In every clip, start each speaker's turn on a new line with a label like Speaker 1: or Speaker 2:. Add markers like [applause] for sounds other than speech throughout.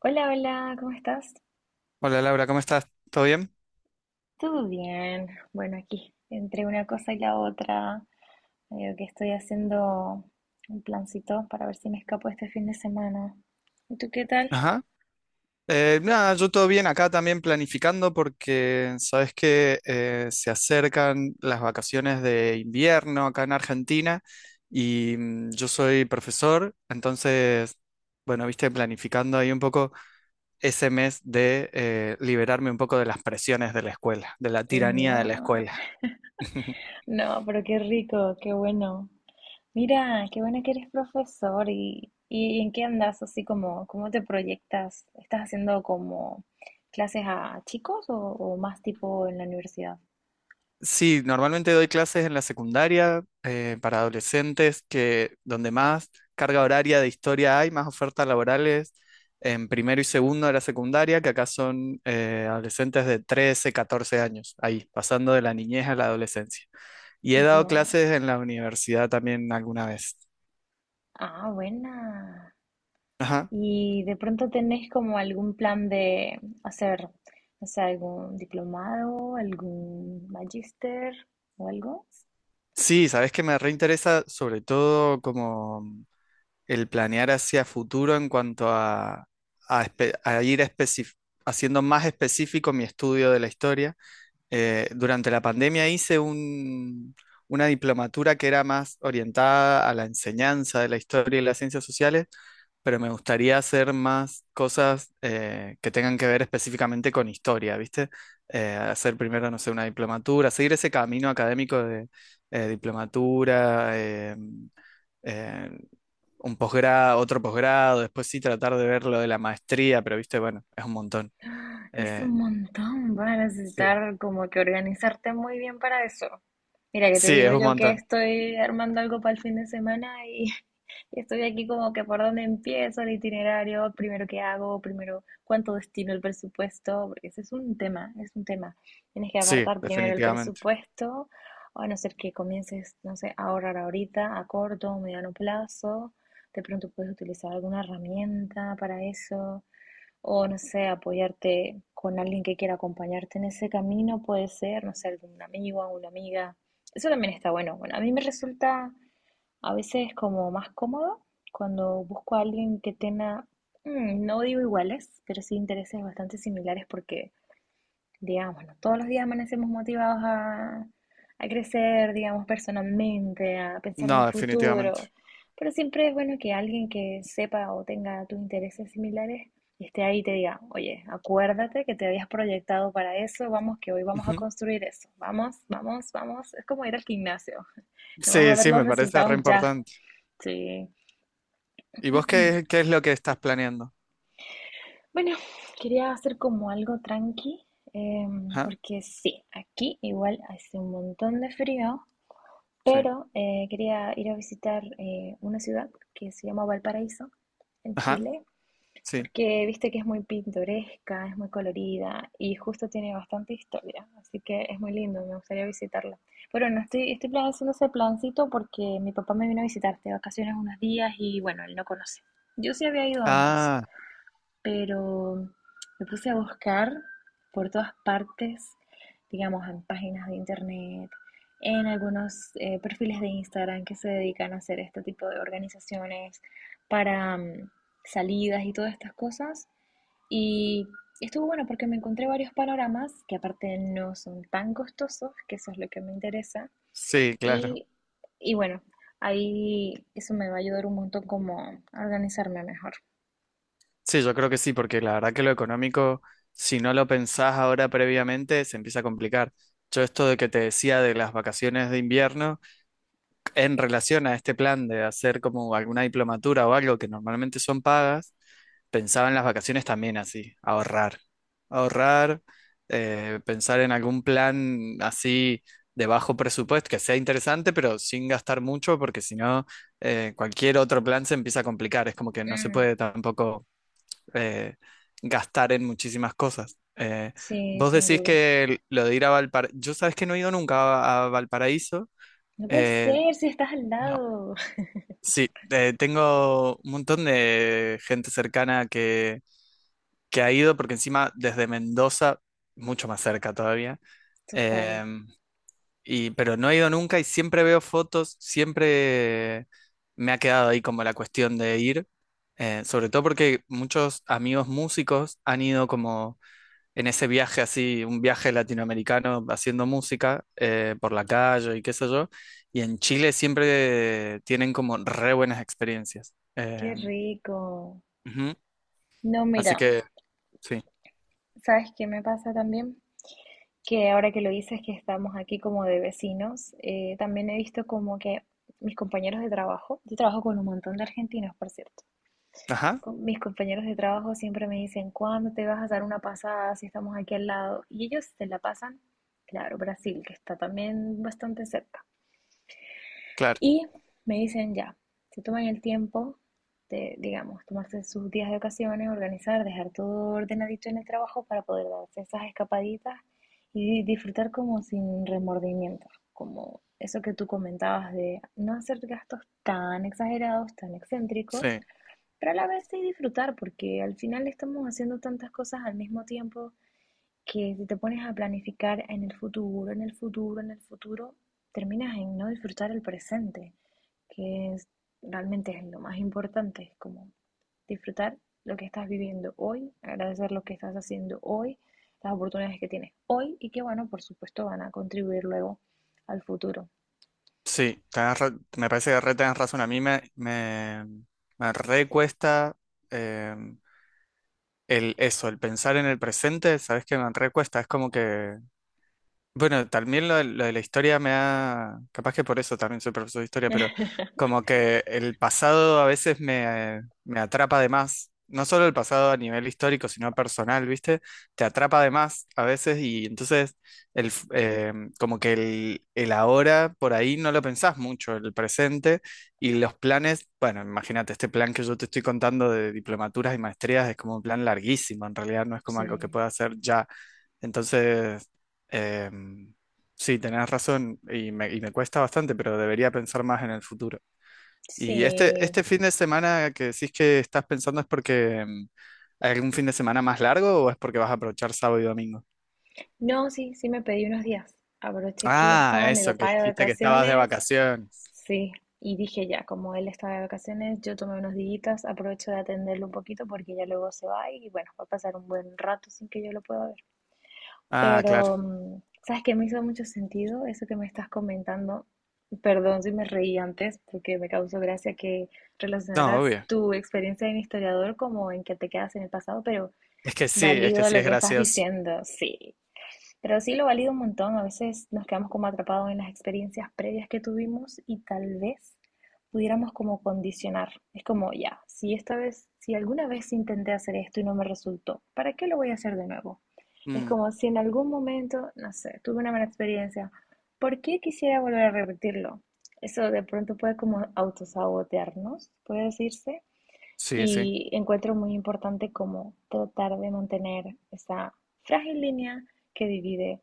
Speaker 1: Hola, hola, ¿cómo estás?
Speaker 2: Hola Laura, ¿cómo estás? ¿Todo bien?
Speaker 1: ¿Todo bien? Bueno, aquí, entre una cosa y la otra, medio que estoy haciendo un plancito para ver si me escapo este fin de semana. ¿Y tú qué tal?
Speaker 2: Ajá. Nada, yo todo bien acá también planificando porque sabes que se acercan las vacaciones de invierno acá en Argentina y yo soy profesor, entonces, bueno, viste, planificando ahí un poco ese mes de liberarme un poco de las presiones de la escuela, de la tiranía de la
Speaker 1: No,
Speaker 2: escuela.
Speaker 1: [laughs]
Speaker 2: [laughs]
Speaker 1: no, pero qué rico, qué bueno. Mira, qué bueno que eres profesor y ¿en qué andas? Así como, ¿cómo te proyectas? ¿Estás haciendo como clases a chicos o más tipo en la universidad?
Speaker 2: Sí, normalmente doy clases en la secundaria para adolescentes, que donde más carga horaria de historia hay, más ofertas laborales en primero y segundo de la secundaria, que acá son adolescentes de 13, 14 años, ahí, pasando de la niñez a la adolescencia. Y he dado
Speaker 1: Ya.
Speaker 2: clases en la universidad también alguna vez.
Speaker 1: Ah, buena.
Speaker 2: Ajá.
Speaker 1: Y de pronto tenés como algún plan de hacer, no sé, algún diplomado, algún magíster o algo.
Speaker 2: Sí, sabes que me reinteresa sobre todo como el planear hacia futuro en cuanto a, a espe- a ir especi- haciendo más específico mi estudio de la historia. Durante la pandemia hice una diplomatura que era más orientada a la enseñanza de la historia y las ciencias sociales, pero me gustaría hacer más cosas que tengan que ver específicamente con historia, ¿viste? Hacer primero, no sé, una diplomatura, seguir ese camino académico de diplomatura. Eh, un posgrado, otro posgrado, después sí tratar de ver lo de la maestría, pero viste, bueno, es un montón.
Speaker 1: Es un
Speaker 2: Eh,
Speaker 1: montón, vas a
Speaker 2: Sí.
Speaker 1: necesitar como que organizarte muy bien para eso. Mira, que te
Speaker 2: Sí, es
Speaker 1: digo
Speaker 2: un
Speaker 1: yo que
Speaker 2: montón.
Speaker 1: estoy armando algo para el fin de semana y, [laughs] y estoy aquí como que por dónde empiezo el itinerario, primero qué hago, primero cuánto destino el presupuesto, porque ese es un tema, es un tema. Tienes que
Speaker 2: Sí,
Speaker 1: apartar primero el
Speaker 2: definitivamente.
Speaker 1: presupuesto, a no ser que comiences, no sé, a ahorrar ahorita, a corto o mediano plazo. De pronto puedes utilizar alguna herramienta para eso. O no sé, apoyarte con alguien que quiera acompañarte en ese camino, puede ser, no sé, algún amigo, una amiga. Eso también está bueno. Bueno, a mí me resulta a veces como más cómodo cuando busco a alguien que tenga, no digo iguales, pero sí intereses bastante similares porque digámoslo, todos los días amanecemos motivados a crecer, digamos, personalmente, a pensar en
Speaker 2: No,
Speaker 1: el
Speaker 2: definitivamente.
Speaker 1: futuro, pero siempre es bueno que alguien que sepa o tenga tus intereses similares esté ahí y te diga, oye, acuérdate que te habías proyectado para eso, vamos que hoy vamos a
Speaker 2: Ujú.
Speaker 1: construir eso, vamos, vamos, vamos, es como ir al gimnasio, no vas a
Speaker 2: Sí,
Speaker 1: ver
Speaker 2: sí,
Speaker 1: los
Speaker 2: me parece re
Speaker 1: resultados ya,
Speaker 2: importante.
Speaker 1: sí. [clears throat]
Speaker 2: ¿Y vos qué, qué
Speaker 1: [coughs]
Speaker 2: es lo que estás planeando?
Speaker 1: Bueno, quería hacer como algo tranqui,
Speaker 2: Ajá,
Speaker 1: porque sí, aquí igual hace un montón de frío.
Speaker 2: sí.
Speaker 1: Pero quería ir a visitar una ciudad que se llama Valparaíso, en
Speaker 2: Ajá,
Speaker 1: Chile,
Speaker 2: sí.
Speaker 1: porque viste que es muy pintoresca, es muy colorida y justo tiene bastante historia, así que es muy lindo, me gustaría visitarla. Pero no estoy, haciendo ese plancito porque mi papá me vino a visitar de vacaciones unos días y bueno, él no conoce. Yo sí había ido antes,
Speaker 2: Ah,
Speaker 1: pero me puse a buscar por todas partes, digamos, en páginas de internet, en algunos perfiles de Instagram que se dedican a hacer este tipo de organizaciones para salidas y todas estas cosas. Y estuvo bueno porque me encontré varios panoramas que aparte no son tan costosos, que eso es lo que me interesa.
Speaker 2: sí, claro.
Speaker 1: Y, y bueno, ahí eso me va a ayudar un montón como a organizarme mejor.
Speaker 2: Sí, yo creo que sí, porque la verdad que lo económico, si no lo pensás ahora previamente, se empieza a complicar. Yo esto de que te decía de las vacaciones de invierno, en relación a este plan de hacer como alguna diplomatura o algo que normalmente son pagas, pensaba en las vacaciones también así, ahorrar, ahorrar, pensar en algún plan así de bajo presupuesto que sea interesante, pero sin gastar mucho, porque si no, cualquier otro plan se empieza a complicar, es como que no se
Speaker 1: Mm,
Speaker 2: puede tampoco eh, gastar en muchísimas cosas.
Speaker 1: sí,
Speaker 2: Vos
Speaker 1: sin
Speaker 2: decís
Speaker 1: duda.
Speaker 2: que lo de ir a Valparaíso, yo sabes que no he ido nunca a, a Valparaíso.
Speaker 1: No puede
Speaker 2: eh,
Speaker 1: ser si estás al
Speaker 2: no.
Speaker 1: lado. [laughs]
Speaker 2: Sí, tengo un montón de gente cercana que ha ido, porque encima desde Mendoza, mucho más cerca todavía,
Speaker 1: Total,
Speaker 2: em, y, pero no he ido nunca y siempre veo fotos, siempre me ha quedado ahí como la cuestión de ir, sobre todo porque muchos amigos músicos han ido como en ese viaje así, un viaje latinoamericano haciendo música por la calle y qué sé yo. Y en Chile siempre tienen como re buenas experiencias.
Speaker 1: qué rico.
Speaker 2: Ujú.
Speaker 1: No,
Speaker 2: Así
Speaker 1: mira,
Speaker 2: que, sí.
Speaker 1: ¿sabes qué me pasa también? Que ahora que lo dices que estamos aquí como de vecinos, también he visto como que mis compañeros de trabajo, yo trabajo con un montón de argentinos, por cierto.
Speaker 2: Ajá,
Speaker 1: Con mis compañeros de trabajo siempre me dicen, ¿cuándo te vas a dar una pasada si estamos aquí al lado? Y ellos se la pasan, claro, Brasil, que está también bastante cerca.
Speaker 2: claro.
Speaker 1: Y me dicen ya, se toman el tiempo de, digamos, tomarse sus días de ocasiones, organizar, dejar todo ordenadito en el trabajo para poder darse esas escapaditas y disfrutar como sin remordimientos, como eso que tú comentabas de no hacer gastos tan exagerados, tan excéntricos,
Speaker 2: Sí,
Speaker 1: pero a la vez sí disfrutar, porque al final estamos haciendo tantas cosas al mismo tiempo que si te pones a planificar en el futuro, en el futuro, en el futuro, terminas en no disfrutar el presente que es, realmente es lo más importante, es como disfrutar lo que estás viviendo hoy, agradecer lo que estás haciendo hoy, las oportunidades que tienes hoy y que, bueno, por supuesto van a contribuir luego al futuro.
Speaker 2: sí. Me parece que re tenés razón. A mí me, me, me re cuesta eh, el, eso, el pensar en el presente, ¿sabes qué? Me re cuesta. Es como que bueno, también lo de la historia me ha, capaz que por eso también soy profesor de historia, pero
Speaker 1: [laughs]
Speaker 2: como que el pasado a veces me, me atrapa de más, no solo el pasado a nivel histórico, sino personal, ¿viste? Te atrapa de más a veces y entonces el, como que el ahora por ahí no lo pensás mucho, el presente y los planes, bueno, imagínate, este plan que yo te estoy contando de diplomaturas y maestrías es como un plan larguísimo, en realidad no es como algo que
Speaker 1: Sí,
Speaker 2: pueda hacer ya. Entonces... Em, sí, tenés razón y me cuesta bastante, pero debería pensar más en el futuro. Y este,
Speaker 1: sí.
Speaker 2: este fin de semana que decís que estás pensando es porque hay algún fin de semana más largo o es porque vas a aprovechar sábado y domingo.
Speaker 1: No, sí, sí me pedí unos días. Aproveché que
Speaker 2: Ah,
Speaker 1: estaba mi
Speaker 2: eso, que
Speaker 1: papá de
Speaker 2: dijiste que estabas de
Speaker 1: vacaciones,
Speaker 2: vacaciones.
Speaker 1: sí, y dije ya, como él estaba de vacaciones, yo tomé unos días, aprovecho de atenderlo un poquito porque ya luego se va y bueno, va a pasar un buen rato sin que yo lo pueda ver.
Speaker 2: Ah, claro.
Speaker 1: Pero, mm, ¿sabes qué? Me hizo mucho sentido eso que me estás comentando. Perdón si me reí antes, porque me causó gracia que
Speaker 2: No,
Speaker 1: relacionaras
Speaker 2: obvio.
Speaker 1: tu experiencia de historiador como en que te quedas en el pasado, pero
Speaker 2: Es que sí, es que
Speaker 1: valido
Speaker 2: sí
Speaker 1: lo
Speaker 2: es
Speaker 1: que estás
Speaker 2: gracioso.
Speaker 1: diciendo, sí. Pero sí lo valido un montón, a veces nos quedamos como atrapados en las experiencias previas que tuvimos y tal vez pudiéramos como condicionar. Es como, ya, si esta vez, si alguna vez intenté hacer esto y no me resultó, ¿para qué lo voy a hacer de nuevo? Es
Speaker 2: Mm,
Speaker 1: como si en algún momento, no sé, tuve una mala experiencia, ¿por qué quisiera volver a repetirlo? Eso de pronto puede como autosabotearnos, puede decirse,
Speaker 2: sí, sí.
Speaker 1: y encuentro muy importante como tratar de mantener esa frágil línea que divide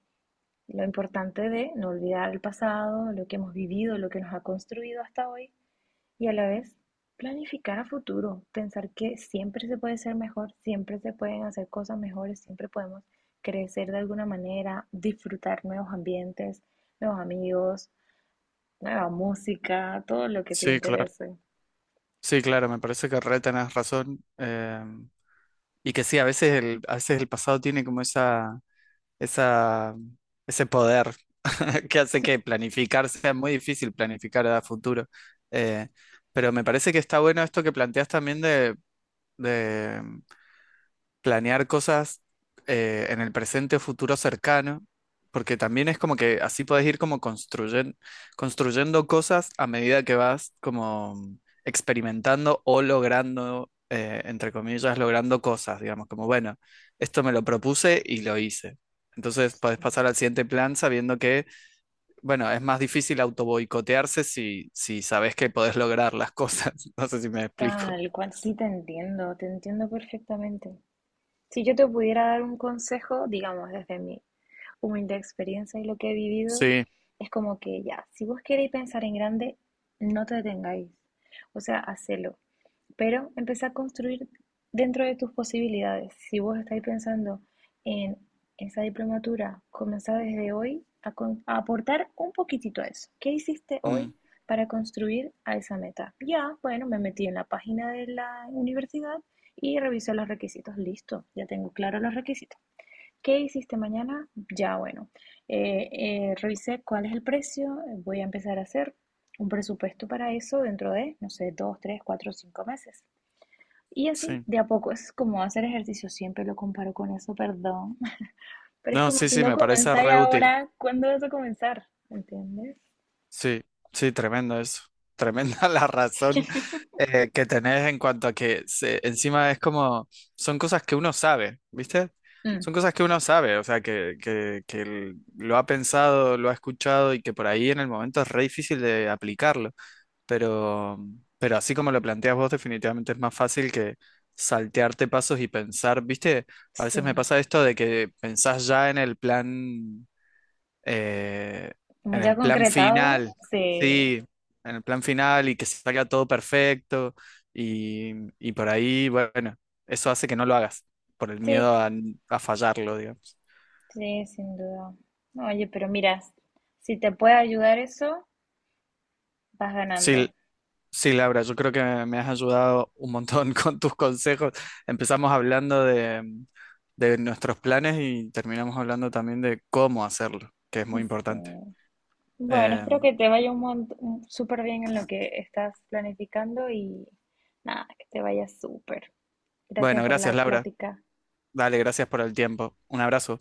Speaker 1: lo importante de no olvidar el pasado, lo que hemos vivido, lo que nos ha construido hasta hoy y a la vez planificar a futuro, pensar que siempre se puede ser mejor, siempre se pueden hacer cosas mejores, siempre podemos crecer de alguna manera, disfrutar nuevos ambientes, nuevos amigos, nueva música, todo lo que te
Speaker 2: Sí, claro.
Speaker 1: interese.
Speaker 2: Sí, claro, me parece que re tenés razón. Y que sí, a veces el pasado tiene como esa esa, ese poder [laughs] que hace que planificar sea muy difícil planificar a futuro. Eh, pero me parece que está bueno esto que planteas también de, planear cosas en el presente o futuro cercano, porque también es como que así podés ir como construyendo cosas a medida que vas como experimentando o logrando, entre comillas, logrando cosas, digamos, como bueno, esto me lo propuse y lo hice. Entonces podés pasar al siguiente plan sabiendo que, bueno, es más difícil autoboicotearse si, si sabes que podés lograr las cosas. [laughs] No sé si me explico.
Speaker 1: Tal cual, sí te entiendo perfectamente. Si yo te pudiera dar un consejo, digamos, desde mi humilde experiencia y lo que he vivido,
Speaker 2: Sí,
Speaker 1: es como que ya, si vos queréis pensar en grande, no te detengáis. O sea, hacelo. Pero empezá a construir dentro de tus posibilidades. Si vos estáis pensando en esa diplomatura, comenzá desde hoy a aportar un poquitito a eso. ¿Qué hiciste hoy
Speaker 2: mm,
Speaker 1: para construir a esa meta? Ya, bueno, me metí en la página de la universidad y revisé los requisitos. Listo, ya tengo claro los requisitos. ¿Qué hiciste mañana? Ya, bueno, eh, revisé cuál es el precio, voy a empezar a hacer un presupuesto para eso dentro de, no sé, dos, tres, cuatro, cinco meses. Y así,
Speaker 2: sí.
Speaker 1: de a poco, es como hacer ejercicio, siempre lo comparo con eso, perdón. [laughs] Pero es
Speaker 2: No,
Speaker 1: como
Speaker 2: sí,
Speaker 1: si
Speaker 2: sí,
Speaker 1: no
Speaker 2: me parece
Speaker 1: comenzáis
Speaker 2: reútil.
Speaker 1: ahora, ¿cuándo vas a comenzar? ¿Entiendes?
Speaker 2: Sí, sí, tremendo eso. Tremenda [laughs] la razón que tenés en cuanto a que encima es como, son cosas que uno sabe, ¿viste?
Speaker 1: Mm,
Speaker 2: Son cosas que uno sabe, o sea, que lo ha pensado, lo ha escuchado y que por ahí en el momento es re difícil de aplicarlo. Pero, pero así como lo planteas vos, definitivamente es más fácil que saltearte pasos y pensar, ¿viste? A veces me
Speaker 1: sí,
Speaker 2: pasa esto de que pensás ya eh,
Speaker 1: como
Speaker 2: en
Speaker 1: ya
Speaker 2: el plan
Speaker 1: concretado,
Speaker 2: final,
Speaker 1: sí,
Speaker 2: sí, en el plan final y que salga todo perfecto y, y por ahí, bueno, eso hace que no lo hagas, por el
Speaker 1: sí,
Speaker 2: miedo a fallarlo, digamos.
Speaker 1: sí, sin duda. Oye, pero mira, si te puede ayudar eso, vas
Speaker 2: Sí,
Speaker 1: ganando.
Speaker 2: sí, Laura, yo creo que me has ayudado un montón [laughs] con tus consejos. Empezamos hablando de nuestros planes y terminamos hablando también de cómo hacerlo, que es muy
Speaker 1: Sí.
Speaker 2: importante.
Speaker 1: Bueno,
Speaker 2: Eh,
Speaker 1: espero que te vaya un montón, súper bien en lo que estás planificando y nada, que te vaya súper.
Speaker 2: bueno,
Speaker 1: Gracias por
Speaker 2: gracias,
Speaker 1: la
Speaker 2: Laura.
Speaker 1: plática.
Speaker 2: Dale, gracias por el tiempo. Un abrazo.